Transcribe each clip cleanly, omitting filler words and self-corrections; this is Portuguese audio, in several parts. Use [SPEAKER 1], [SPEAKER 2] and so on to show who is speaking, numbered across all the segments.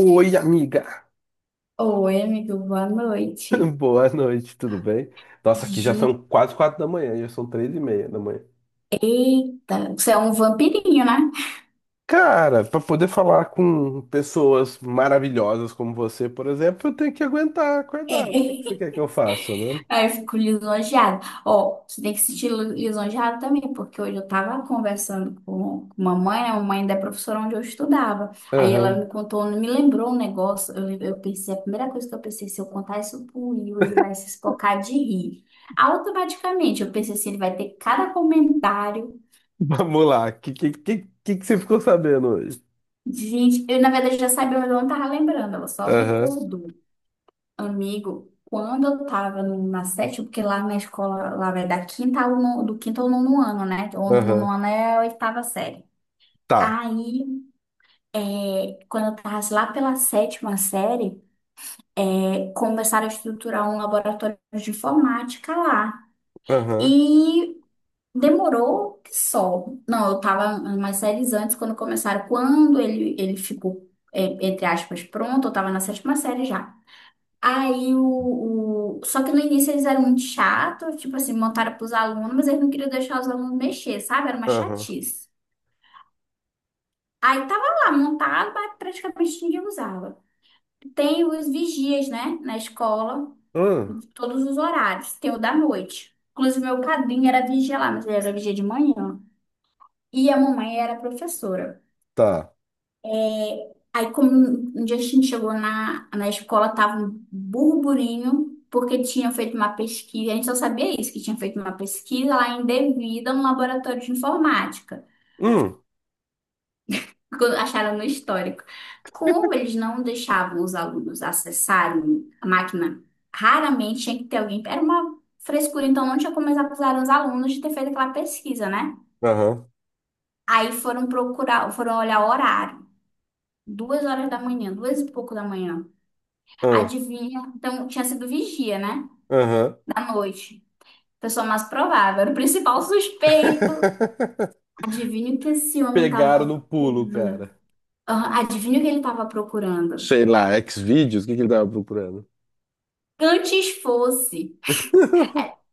[SPEAKER 1] Oi, amiga!
[SPEAKER 2] Oi, amigo, boa noite.
[SPEAKER 1] Boa noite, tudo bem? Nossa, aqui já
[SPEAKER 2] Gi-
[SPEAKER 1] são quase 4 da manhã, já são 3:30 da manhã.
[SPEAKER 2] Eita, você é um vampirinho, né?
[SPEAKER 1] Cara, para poder falar com pessoas maravilhosas como você, por exemplo, eu tenho que aguentar
[SPEAKER 2] É.
[SPEAKER 1] acordar. O que que você quer que eu faça, né?
[SPEAKER 2] Aí eu fico lisonjeada. Ó, você tem que se sentir lisonjeada também, porque hoje eu tava conversando com uma mãe, a mãe da professora onde eu estudava. Aí ela
[SPEAKER 1] Aham.
[SPEAKER 2] me contou, me lembrou um negócio. Eu pensei, a primeira coisa que eu pensei, se eu contar isso pro Will, ele vai se espocar de rir. Automaticamente, eu pensei assim, ele vai ter cada comentário.
[SPEAKER 1] Vamos lá. O que que você ficou sabendo hoje?
[SPEAKER 2] Gente, eu na verdade já sabia, mas eu não tava lembrando, ela só
[SPEAKER 1] Aham,
[SPEAKER 2] recordou. Amigo, quando eu tava na sétima, porque lá na escola, lá vai da quinta ao nono, do quinto ao nono ano, né? Ou no nono
[SPEAKER 1] aham.
[SPEAKER 2] ano é a oitava série.
[SPEAKER 1] Tá.
[SPEAKER 2] Aí, quando eu tava lá pela sétima série, começaram a estruturar um laboratório de informática lá.
[SPEAKER 1] Aham,
[SPEAKER 2] E demorou que só. Não, eu tava umas séries antes quando começaram. Quando ele ficou, entre aspas, pronto, eu tava na sétima série já. Aí só que no início eles eram muito chatos, tipo assim, montaram pros alunos, mas eles não queriam deixar os alunos mexer, sabe? Era uma
[SPEAKER 1] aham.
[SPEAKER 2] chatice. Aí tava lá montado, mas praticamente ninguém usava. Tem os vigias, né, na escola,
[SPEAKER 1] Hum,
[SPEAKER 2] todos os horários. Tem o da noite. Inclusive, meu padrinho era vigia lá, mas ele era vigia de manhã. E a mamãe era professora.
[SPEAKER 1] tá.
[SPEAKER 2] Aí, como um dia a gente chegou na escola, tava um burburinho, porque tinha feito uma pesquisa, a gente só sabia isso, que tinha feito uma pesquisa lá indevida no laboratório de informática,
[SPEAKER 1] Hum,
[SPEAKER 2] que acharam no histórico. Como eles não deixavam os alunos acessarem a máquina, raramente tinha que ter alguém. Era uma frescura, então não tinha como eles acusarem os alunos de ter feito aquela pesquisa, né?
[SPEAKER 1] aham,
[SPEAKER 2] Aí foram procurar, foram olhar o horário. 2 horas da manhã, duas e pouco da manhã.
[SPEAKER 1] hum,
[SPEAKER 2] Adivinha? Então, tinha sido vigia, né?
[SPEAKER 1] aham.
[SPEAKER 2] Da noite. Pessoa mais provável. Era o principal suspeito. Adivinha o que esse homem
[SPEAKER 1] Pegaram
[SPEAKER 2] estava
[SPEAKER 1] no pulo,
[SPEAKER 2] procurando?
[SPEAKER 1] cara.
[SPEAKER 2] Ah, adivinha o que ele estava procurando?
[SPEAKER 1] Sei lá, Xvideos, o que que ele tava procurando?
[SPEAKER 2] Antes fosse.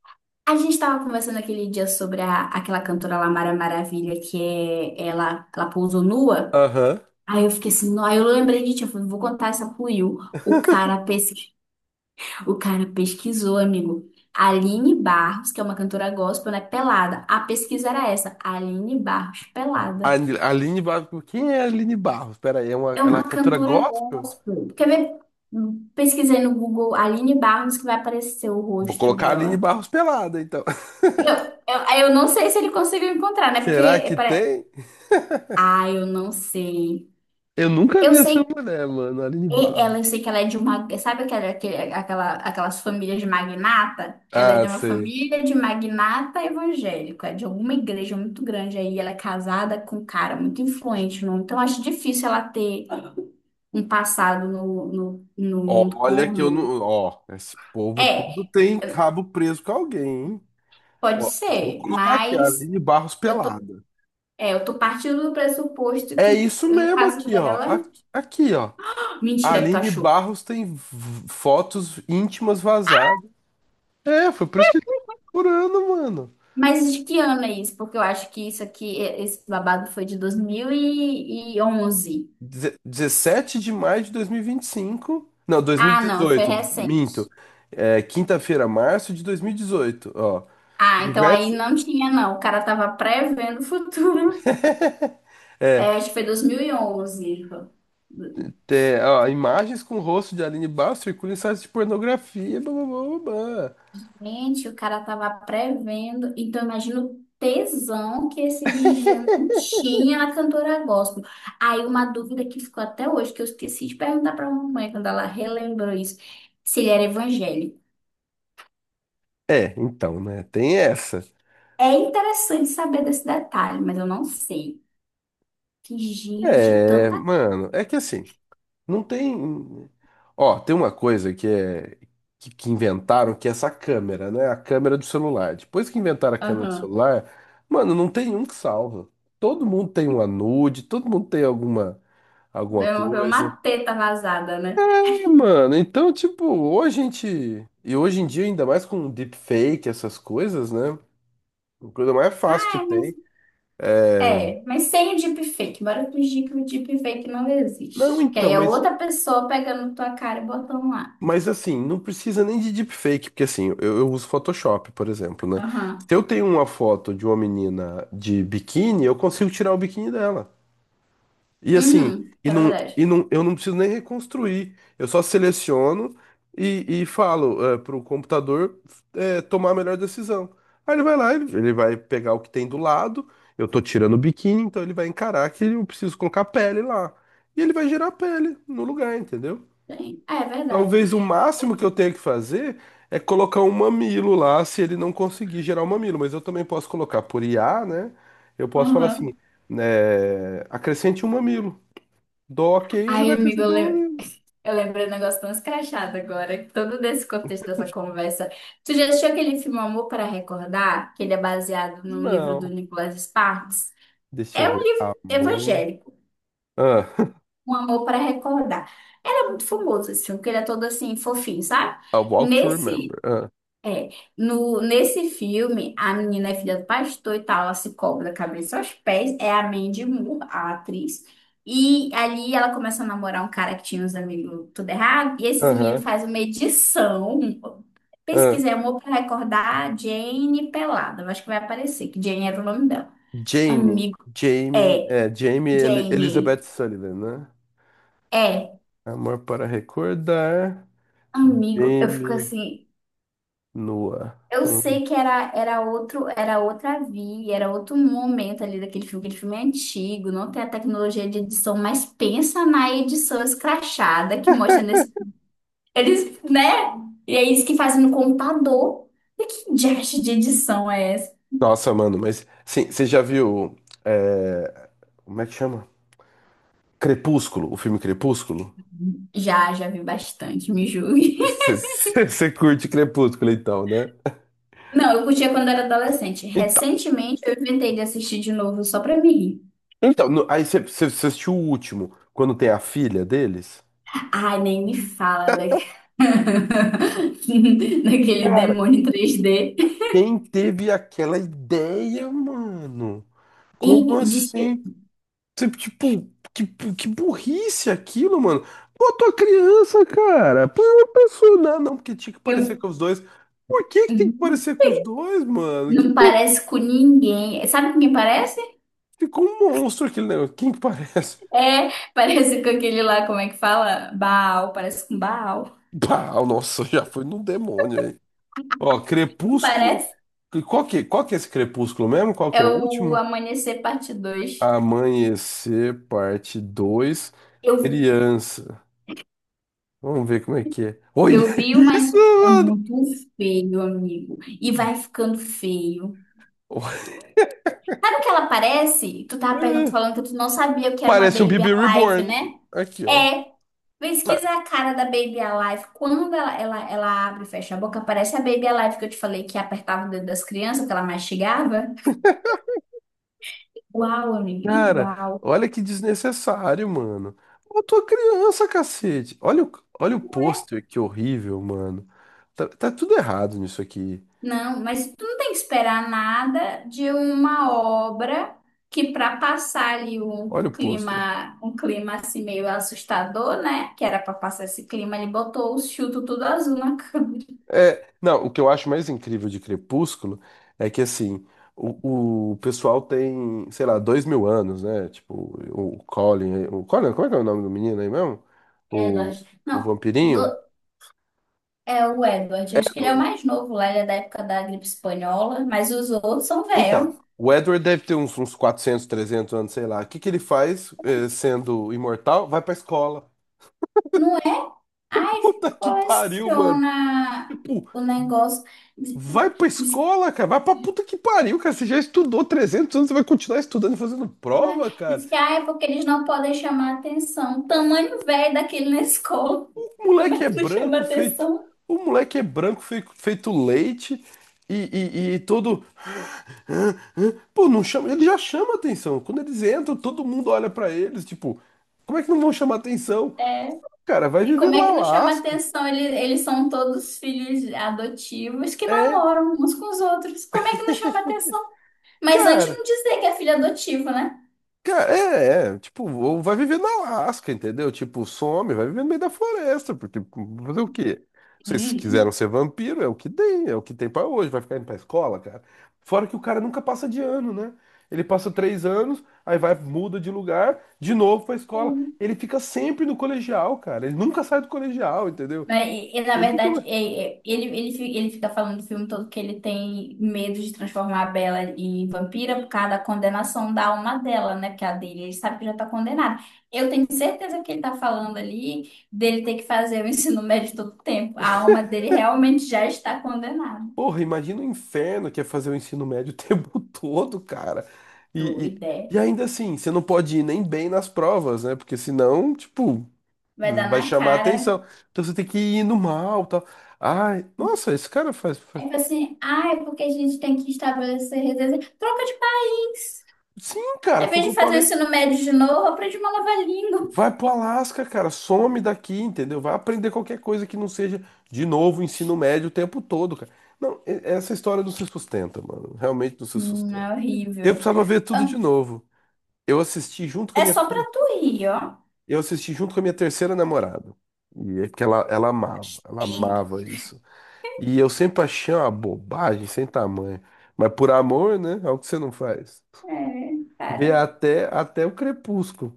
[SPEAKER 2] A gente estava conversando aquele dia sobre aquela cantora lá, Mara Maravilha, que é, ela pousou nua.
[SPEAKER 1] Aham.
[SPEAKER 2] Aí eu fiquei assim, não, aí eu lembrei de ti, eu falei, vou contar essa pro Will. O cara pesquisou. O cara pesquisou, amigo. Aline Barros, que é uma cantora gospel, né? Pelada. A pesquisa era essa. Aline Barros,
[SPEAKER 1] A
[SPEAKER 2] pelada.
[SPEAKER 1] Aline Barros. Quem é a Aline Barros? Pera aí, ela
[SPEAKER 2] É
[SPEAKER 1] é uma
[SPEAKER 2] uma
[SPEAKER 1] cantora
[SPEAKER 2] cantora
[SPEAKER 1] gospel?
[SPEAKER 2] gospel. Quer ver? Pesquisei no Google Aline Barros que vai aparecer o
[SPEAKER 1] Vou
[SPEAKER 2] rosto
[SPEAKER 1] colocar a Aline
[SPEAKER 2] dela.
[SPEAKER 1] Barros pelada, então.
[SPEAKER 2] Eu não sei se ele conseguiu encontrar, né?
[SPEAKER 1] Será que tem?
[SPEAKER 2] Ah, eu não sei.
[SPEAKER 1] Eu nunca
[SPEAKER 2] Eu
[SPEAKER 1] vi essa
[SPEAKER 2] sei.
[SPEAKER 1] mulher, mano, Aline
[SPEAKER 2] E
[SPEAKER 1] Barros.
[SPEAKER 2] ela, eu sei que ela é de uma. Sabe aquelas famílias de magnata? Ela é
[SPEAKER 1] Ah,
[SPEAKER 2] de uma
[SPEAKER 1] sei.
[SPEAKER 2] família de magnata evangélico, é de alguma igreja muito grande aí. Ela é casada com um cara muito influente, não? Então acho difícil ela ter um passado no mundo
[SPEAKER 1] Olha que eu
[SPEAKER 2] pornô.
[SPEAKER 1] não. Ó, esse povo tudo
[SPEAKER 2] É,
[SPEAKER 1] tem cabo preso com alguém, hein?
[SPEAKER 2] pode
[SPEAKER 1] Ó, vou
[SPEAKER 2] ser,
[SPEAKER 1] colocar aqui, a
[SPEAKER 2] mas
[SPEAKER 1] Aline Barros
[SPEAKER 2] eu tô,
[SPEAKER 1] pelada.
[SPEAKER 2] eu tô partindo do pressuposto que
[SPEAKER 1] É isso
[SPEAKER 2] no
[SPEAKER 1] mesmo
[SPEAKER 2] caso
[SPEAKER 1] aqui, ó.
[SPEAKER 2] dela.
[SPEAKER 1] Aqui, aqui, ó. A
[SPEAKER 2] Mentira que tu
[SPEAKER 1] Aline
[SPEAKER 2] achou.
[SPEAKER 1] Barros tem fotos íntimas vazadas. É, foi por isso que ele tá procurando, mano.
[SPEAKER 2] Mas de que ano é isso? Porque eu acho que isso aqui, esse babado foi de 2011.
[SPEAKER 1] 17 de maio de dois mil e vinte e cinco. Não, dois mil e
[SPEAKER 2] Ah, não, foi
[SPEAKER 1] dezoito. minto.
[SPEAKER 2] recente.
[SPEAKER 1] É, quinta-feira, março de 2018. Ó,
[SPEAKER 2] Ah, então aí
[SPEAKER 1] universo.
[SPEAKER 2] não tinha, não. O cara tava prevendo o futuro. É, acho que foi 2011.
[SPEAKER 1] É, ó, imagens com o rosto de Aline Barros circulam em sites de pornografia. Blá, blá, blá, blá, blá.
[SPEAKER 2] Gente, o cara tava prevendo. Então, imagina o tesão que esse vigia não tinha na cantora gospel. Aí, uma dúvida que ficou até hoje, que eu esqueci de perguntar pra mamãe quando ela relembrou isso, se ele era evangélico.
[SPEAKER 1] É, então, né? Tem essa.
[SPEAKER 2] É interessante saber desse detalhe, mas eu não sei. Que gente,
[SPEAKER 1] É,
[SPEAKER 2] tanta.
[SPEAKER 1] mano, é que assim. Não tem. Ó, tem uma coisa que é que inventaram, que é essa câmera, né? A câmera do celular. Depois que inventaram a câmera do
[SPEAKER 2] Aham.
[SPEAKER 1] celular, mano, não tem um que salva. Todo mundo tem uma nude, todo mundo tem alguma
[SPEAKER 2] Deu
[SPEAKER 1] coisa.
[SPEAKER 2] uma teta vazada, né?
[SPEAKER 1] É, mano, então tipo, hoje a gente e hoje em dia ainda mais com deepfake, essas coisas, né? A coisa mais fácil que
[SPEAKER 2] Ah, é, mas.
[SPEAKER 1] tem. É...
[SPEAKER 2] É, mas sem o deepfake. Bora fingir que o deepfake não
[SPEAKER 1] Não,
[SPEAKER 2] existe. Que
[SPEAKER 1] então,
[SPEAKER 2] aí é
[SPEAKER 1] mas
[SPEAKER 2] outra pessoa pegando tua cara e botando lá.
[SPEAKER 1] Mas assim, não precisa nem de deepfake, porque assim, eu uso Photoshop, por exemplo, né?
[SPEAKER 2] Aham.
[SPEAKER 1] Se eu tenho uma foto de uma menina de biquíni, eu consigo tirar o biquíni dela. E assim,
[SPEAKER 2] Uhum.
[SPEAKER 1] e
[SPEAKER 2] É
[SPEAKER 1] não,
[SPEAKER 2] verdade.
[SPEAKER 1] e não, eu não preciso nem reconstruir. Eu só seleciono e falo para o computador tomar a melhor decisão. Aí ele vai lá, ele vai pegar o que tem do lado, eu tô tirando o biquíni, então ele vai encarar que eu preciso colocar a pele lá. E ele vai gerar a pele no lugar, entendeu?
[SPEAKER 2] Tem. Ah, é verdade.
[SPEAKER 1] Talvez o máximo que eu tenha que fazer é colocar um mamilo lá, se ele não conseguir gerar um mamilo, mas eu também posso colocar por IA, né? Eu posso falar assim,
[SPEAKER 2] Aham.
[SPEAKER 1] né, acrescente um mamilo. Dou ok, ele vai
[SPEAKER 2] Ai, amigo,
[SPEAKER 1] acrescentar um mamilo.
[SPEAKER 2] eu lembrei um negócio tão escrachado agora, todo desse contexto dessa conversa. Tu já assistiu aquele filme Amor para Recordar? Que ele é baseado no livro do
[SPEAKER 1] Não.
[SPEAKER 2] Nicholas Sparks?
[SPEAKER 1] Deixa eu
[SPEAKER 2] É um
[SPEAKER 1] ver.
[SPEAKER 2] livro
[SPEAKER 1] Amor.
[SPEAKER 2] evangélico,
[SPEAKER 1] Ah,
[SPEAKER 2] Um Amor para Recordar. Ele é muito famoso esse filme, porque ele é todo assim, fofinho, sabe?
[SPEAKER 1] A Walk to Remember.
[SPEAKER 2] Nesse,
[SPEAKER 1] Ah,
[SPEAKER 2] é, no, nesse filme, a menina é filha do pastor e tal, ela se cobra da cabeça aos pés, é a Mandy Moore, a atriz. E ali ela começa a namorar um cara que tinha uns amigos tudo errado, e esses meninos
[SPEAKER 1] aham.
[SPEAKER 2] fazem uma edição,
[SPEAKER 1] Ah.
[SPEAKER 2] pesquisei amor pra recordar Jane Pelada, eu acho que vai aparecer, que Jane era o nome dela.
[SPEAKER 1] Jane.
[SPEAKER 2] Amigo,
[SPEAKER 1] Jamie.
[SPEAKER 2] é,
[SPEAKER 1] É, Jamie
[SPEAKER 2] Jane,
[SPEAKER 1] Elizabeth Sullivan, né?
[SPEAKER 2] é,
[SPEAKER 1] Amor para recordar.
[SPEAKER 2] amigo, eu fico
[SPEAKER 1] Jamie
[SPEAKER 2] assim,
[SPEAKER 1] nua.
[SPEAKER 2] eu sei que era outro, era outra via, era outro momento ali daquele filme, aquele filme é antigo, não tem a tecnologia de edição, mas pensa na edição escrachada que mostra nesse, eles, né? E é isso que fazem no computador. E que diacho de edição é essa?
[SPEAKER 1] Nossa, mano, mas sim, você já viu. é, Como é que chama? Crepúsculo, o filme Crepúsculo?
[SPEAKER 2] Já, já vi bastante, me julgue.
[SPEAKER 1] Você curte Crepúsculo, então, né?
[SPEAKER 2] Não, eu curtia quando era adolescente.
[SPEAKER 1] Então,
[SPEAKER 2] Recentemente eu inventei de assistir de novo só pra me rir.
[SPEAKER 1] então aí você assistiu o último, quando tem a filha deles?
[SPEAKER 2] Ai, nem me fala, né? Daquele
[SPEAKER 1] Cara,
[SPEAKER 2] demônio 3D.
[SPEAKER 1] quem teve aquela ideia, mano? Como
[SPEAKER 2] E, diz que,
[SPEAKER 1] assim? Tipo, que, que burrice aquilo, mano. Botou a criança, cara. Põe uma pessoa. Não, não, porque tinha que
[SPEAKER 2] que eu
[SPEAKER 1] parecer com os dois. Por que que tem que
[SPEAKER 2] uhum,
[SPEAKER 1] parecer com os dois, mano? Que
[SPEAKER 2] não
[SPEAKER 1] pô,
[SPEAKER 2] parece com ninguém. Sabe com quem parece?
[SPEAKER 1] ficou um monstro aquele negócio. Quem que parece?
[SPEAKER 2] É, parece com aquele lá, como é que fala? Baal, parece com Baal.
[SPEAKER 1] Bah, nossa, já foi num demônio aí. Ó,
[SPEAKER 2] Não
[SPEAKER 1] Crepúsculo.
[SPEAKER 2] parece?
[SPEAKER 1] Qual que é esse Crepúsculo mesmo? Qual que é
[SPEAKER 2] É
[SPEAKER 1] o
[SPEAKER 2] o
[SPEAKER 1] último?
[SPEAKER 2] Amanhecer Parte dois.
[SPEAKER 1] Amanhecer, parte dois.
[SPEAKER 2] Eu,
[SPEAKER 1] Criança. Vamos ver como é que é. Olha
[SPEAKER 2] eu vi
[SPEAKER 1] isso,
[SPEAKER 2] uma. É
[SPEAKER 1] mano!
[SPEAKER 2] muito feio, amigo. E vai ficando feio. Sabe o que ela parece? Tu tava perguntando, falando que tu não sabia o que era uma
[SPEAKER 1] Parece um
[SPEAKER 2] Baby
[SPEAKER 1] bebê
[SPEAKER 2] Alive,
[SPEAKER 1] reborn.
[SPEAKER 2] né?
[SPEAKER 1] Aqui, ó.
[SPEAKER 2] É,
[SPEAKER 1] Ah,
[SPEAKER 2] pesquisa a cara da Baby Alive. Quando ela abre e fecha a boca, parece a Baby Alive que eu te falei que apertava o dedo das crianças, que ela mastigava. Igual, amigo,
[SPEAKER 1] cara,
[SPEAKER 2] igual.
[SPEAKER 1] olha que desnecessário, mano. Eu tô criança, cacete. Olha o pôster, que horrível, mano. Tá, tá tudo errado nisso aqui.
[SPEAKER 2] Não, mas tu não tem que esperar nada de uma obra que, para passar ali um
[SPEAKER 1] Olha o pôster.
[SPEAKER 2] clima, um clima assim meio assustador, né? Que era para passar esse clima, ele botou o chuto tudo azul na câmera.
[SPEAKER 1] É, não, o que eu acho mais incrível de Crepúsculo é que, assim, o pessoal tem, sei lá, 2000 anos, né? Tipo, O Colin, como é que é o nome do menino aí mesmo?
[SPEAKER 2] É,
[SPEAKER 1] O,
[SPEAKER 2] Eduardo.
[SPEAKER 1] o vampirinho?
[SPEAKER 2] Não. É o Edward, acho que ele é o
[SPEAKER 1] Edward.
[SPEAKER 2] mais novo lá, ele é da época da gripe espanhola, mas os outros são
[SPEAKER 1] Então,
[SPEAKER 2] velhos.
[SPEAKER 1] o Edward deve ter uns 400, 300 anos, sei lá. O que que ele faz, sendo imortal? Vai pra escola.
[SPEAKER 2] Não é? Ai, que
[SPEAKER 1] Puta que pariu, mano.
[SPEAKER 2] coleciona
[SPEAKER 1] Tipo,
[SPEAKER 2] o negócio. Diz,
[SPEAKER 1] vai pra
[SPEAKER 2] diz-
[SPEAKER 1] escola, cara. Vai pra puta que pariu, cara. Você já estudou 300 anos, você vai continuar estudando e fazendo
[SPEAKER 2] não é?
[SPEAKER 1] prova,
[SPEAKER 2] Diz
[SPEAKER 1] cara?
[SPEAKER 2] que ah, é porque eles não podem chamar atenção. Tamanho velho daquele na escola.
[SPEAKER 1] O
[SPEAKER 2] Como
[SPEAKER 1] moleque
[SPEAKER 2] é
[SPEAKER 1] é
[SPEAKER 2] que não chama
[SPEAKER 1] branco, feito.
[SPEAKER 2] atenção?
[SPEAKER 1] O moleque é branco, feito leite e todo. "Hã? Hã?" Pô, não chama. Ele já chama atenção. Quando eles entram, todo mundo olha pra eles, tipo. Como é que não vão chamar atenção?
[SPEAKER 2] É.
[SPEAKER 1] Cara, vai
[SPEAKER 2] E
[SPEAKER 1] viver
[SPEAKER 2] como
[SPEAKER 1] no
[SPEAKER 2] é que não chama
[SPEAKER 1] Alasca.
[SPEAKER 2] atenção? Eles são todos filhos adotivos que
[SPEAKER 1] É,
[SPEAKER 2] namoram uns com os outros. Como é que não chama atenção? Mas antes
[SPEAKER 1] cara,
[SPEAKER 2] não dizer que é filho adotivo, né?
[SPEAKER 1] cara, é, tipo, ou vai viver na Alasca, entendeu? Tipo, some, vai viver no meio da floresta, porque fazer o quê? Se vocês quiseram ser vampiro, é o que tem, é o que tem pra hoje, vai ficar indo pra escola, cara. Fora que o cara nunca passa de ano, né? Ele passa 3 anos, aí vai, muda de lugar, de novo pra escola.
[SPEAKER 2] Sim.
[SPEAKER 1] Ele fica sempre no colegial, cara. Ele nunca sai do colegial, entendeu?
[SPEAKER 2] Mas, na
[SPEAKER 1] Ele nunca.
[SPEAKER 2] verdade, ele fica falando do filme todo que ele tem medo de transformar a Bella em vampira por causa da condenação da alma dela, né? Que é a dele, ele sabe que já tá condenado. Eu tenho certeza que ele tá falando ali dele ter que fazer o ensino médio todo o tempo. A alma dele realmente já está condenada.
[SPEAKER 1] Porra, imagina o inferno que é fazer o ensino médio o tempo todo, cara. E, e,
[SPEAKER 2] Doida.
[SPEAKER 1] e
[SPEAKER 2] É.
[SPEAKER 1] ainda assim, você não pode ir nem bem nas provas, né? Porque senão, tipo,
[SPEAKER 2] Vai dar
[SPEAKER 1] vai
[SPEAKER 2] na
[SPEAKER 1] chamar
[SPEAKER 2] cara.
[SPEAKER 1] atenção. Então você tem que ir no mal, tal. Ai, nossa, esse cara faz.
[SPEAKER 2] Aí fala assim, ah, é porque a gente tem que estabelecer redes. Troca de país.
[SPEAKER 1] Sim,
[SPEAKER 2] Ao
[SPEAKER 1] cara, foi o
[SPEAKER 2] invés
[SPEAKER 1] que eu
[SPEAKER 2] de fazer o
[SPEAKER 1] falei.
[SPEAKER 2] ensino médio de novo, aprende uma nova língua.
[SPEAKER 1] Vai pro Alasca, cara, some daqui, entendeu? Vai aprender qualquer coisa que não seja, de novo, ensino médio o tempo todo, cara. Não, essa história não se sustenta, mano. Realmente não se
[SPEAKER 2] É
[SPEAKER 1] sustenta. Eu
[SPEAKER 2] horrível.
[SPEAKER 1] precisava ver tudo de
[SPEAKER 2] Hum.
[SPEAKER 1] novo. Eu assisti junto com a
[SPEAKER 2] É
[SPEAKER 1] minha.
[SPEAKER 2] só pra tu rir, ó.
[SPEAKER 1] Eu assisti junto com a minha terceira namorada. E é que ela amava, ela
[SPEAKER 2] Tempo.
[SPEAKER 1] amava isso. E eu sempre achei uma bobagem sem tamanho. Mas por amor, né? É o que você não faz.
[SPEAKER 2] É,
[SPEAKER 1] Vê
[SPEAKER 2] cara.
[SPEAKER 1] até, até o crepúsculo.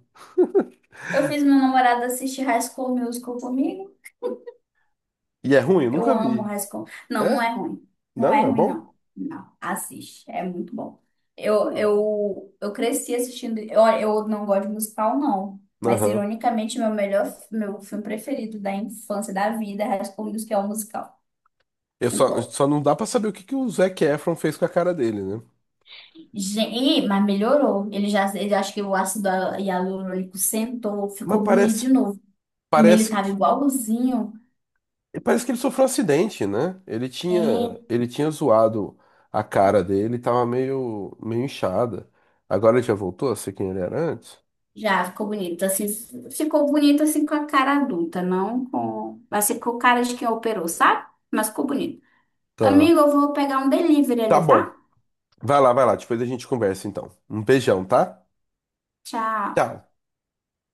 [SPEAKER 2] Eu fiz meu namorado assistir High School Musical comigo.
[SPEAKER 1] E é ruim, eu
[SPEAKER 2] Eu
[SPEAKER 1] nunca
[SPEAKER 2] amo
[SPEAKER 1] vi.
[SPEAKER 2] High School. Não, não
[SPEAKER 1] É?
[SPEAKER 2] é ruim. Não é
[SPEAKER 1] Não? É
[SPEAKER 2] ruim,
[SPEAKER 1] bom?
[SPEAKER 2] não. Não, assiste. É muito bom. Eu,
[SPEAKER 1] Hum.
[SPEAKER 2] eu, eu cresci assistindo. Eu não gosto de musical, não. Mas,
[SPEAKER 1] Aham.
[SPEAKER 2] ironicamente, meu melhor, meu filme preferido da infância, da vida, é High School Musical, é o musical.
[SPEAKER 1] Eu
[SPEAKER 2] Muito
[SPEAKER 1] só,
[SPEAKER 2] bom.
[SPEAKER 1] só não dá pra saber o que que o Zac Efron fez com a cara dele, né?
[SPEAKER 2] Gente, mas melhorou. Ele acho que o ácido hialurônico sentou,
[SPEAKER 1] Mas
[SPEAKER 2] ficou bonito
[SPEAKER 1] parece,
[SPEAKER 2] de novo. Ele
[SPEAKER 1] parece
[SPEAKER 2] tava igualzinho.
[SPEAKER 1] E parece que ele sofreu um acidente, né? Ele tinha,
[SPEAKER 2] É,
[SPEAKER 1] ele tinha zoado a cara dele, tava meio, meio inchada. Agora ele já voltou a ser quem ele era antes?
[SPEAKER 2] já ficou bonito. Assim, ficou bonito assim com a cara adulta, não com. Mas ficou cara de quem operou, sabe? Mas ficou bonito.
[SPEAKER 1] Tá.
[SPEAKER 2] Amigo, eu vou pegar um delivery
[SPEAKER 1] Tá
[SPEAKER 2] ali,
[SPEAKER 1] bom.
[SPEAKER 2] tá?
[SPEAKER 1] Vai lá, vai lá. Depois a gente conversa então. Um beijão, tá?
[SPEAKER 2] Tchau.
[SPEAKER 1] Tchau.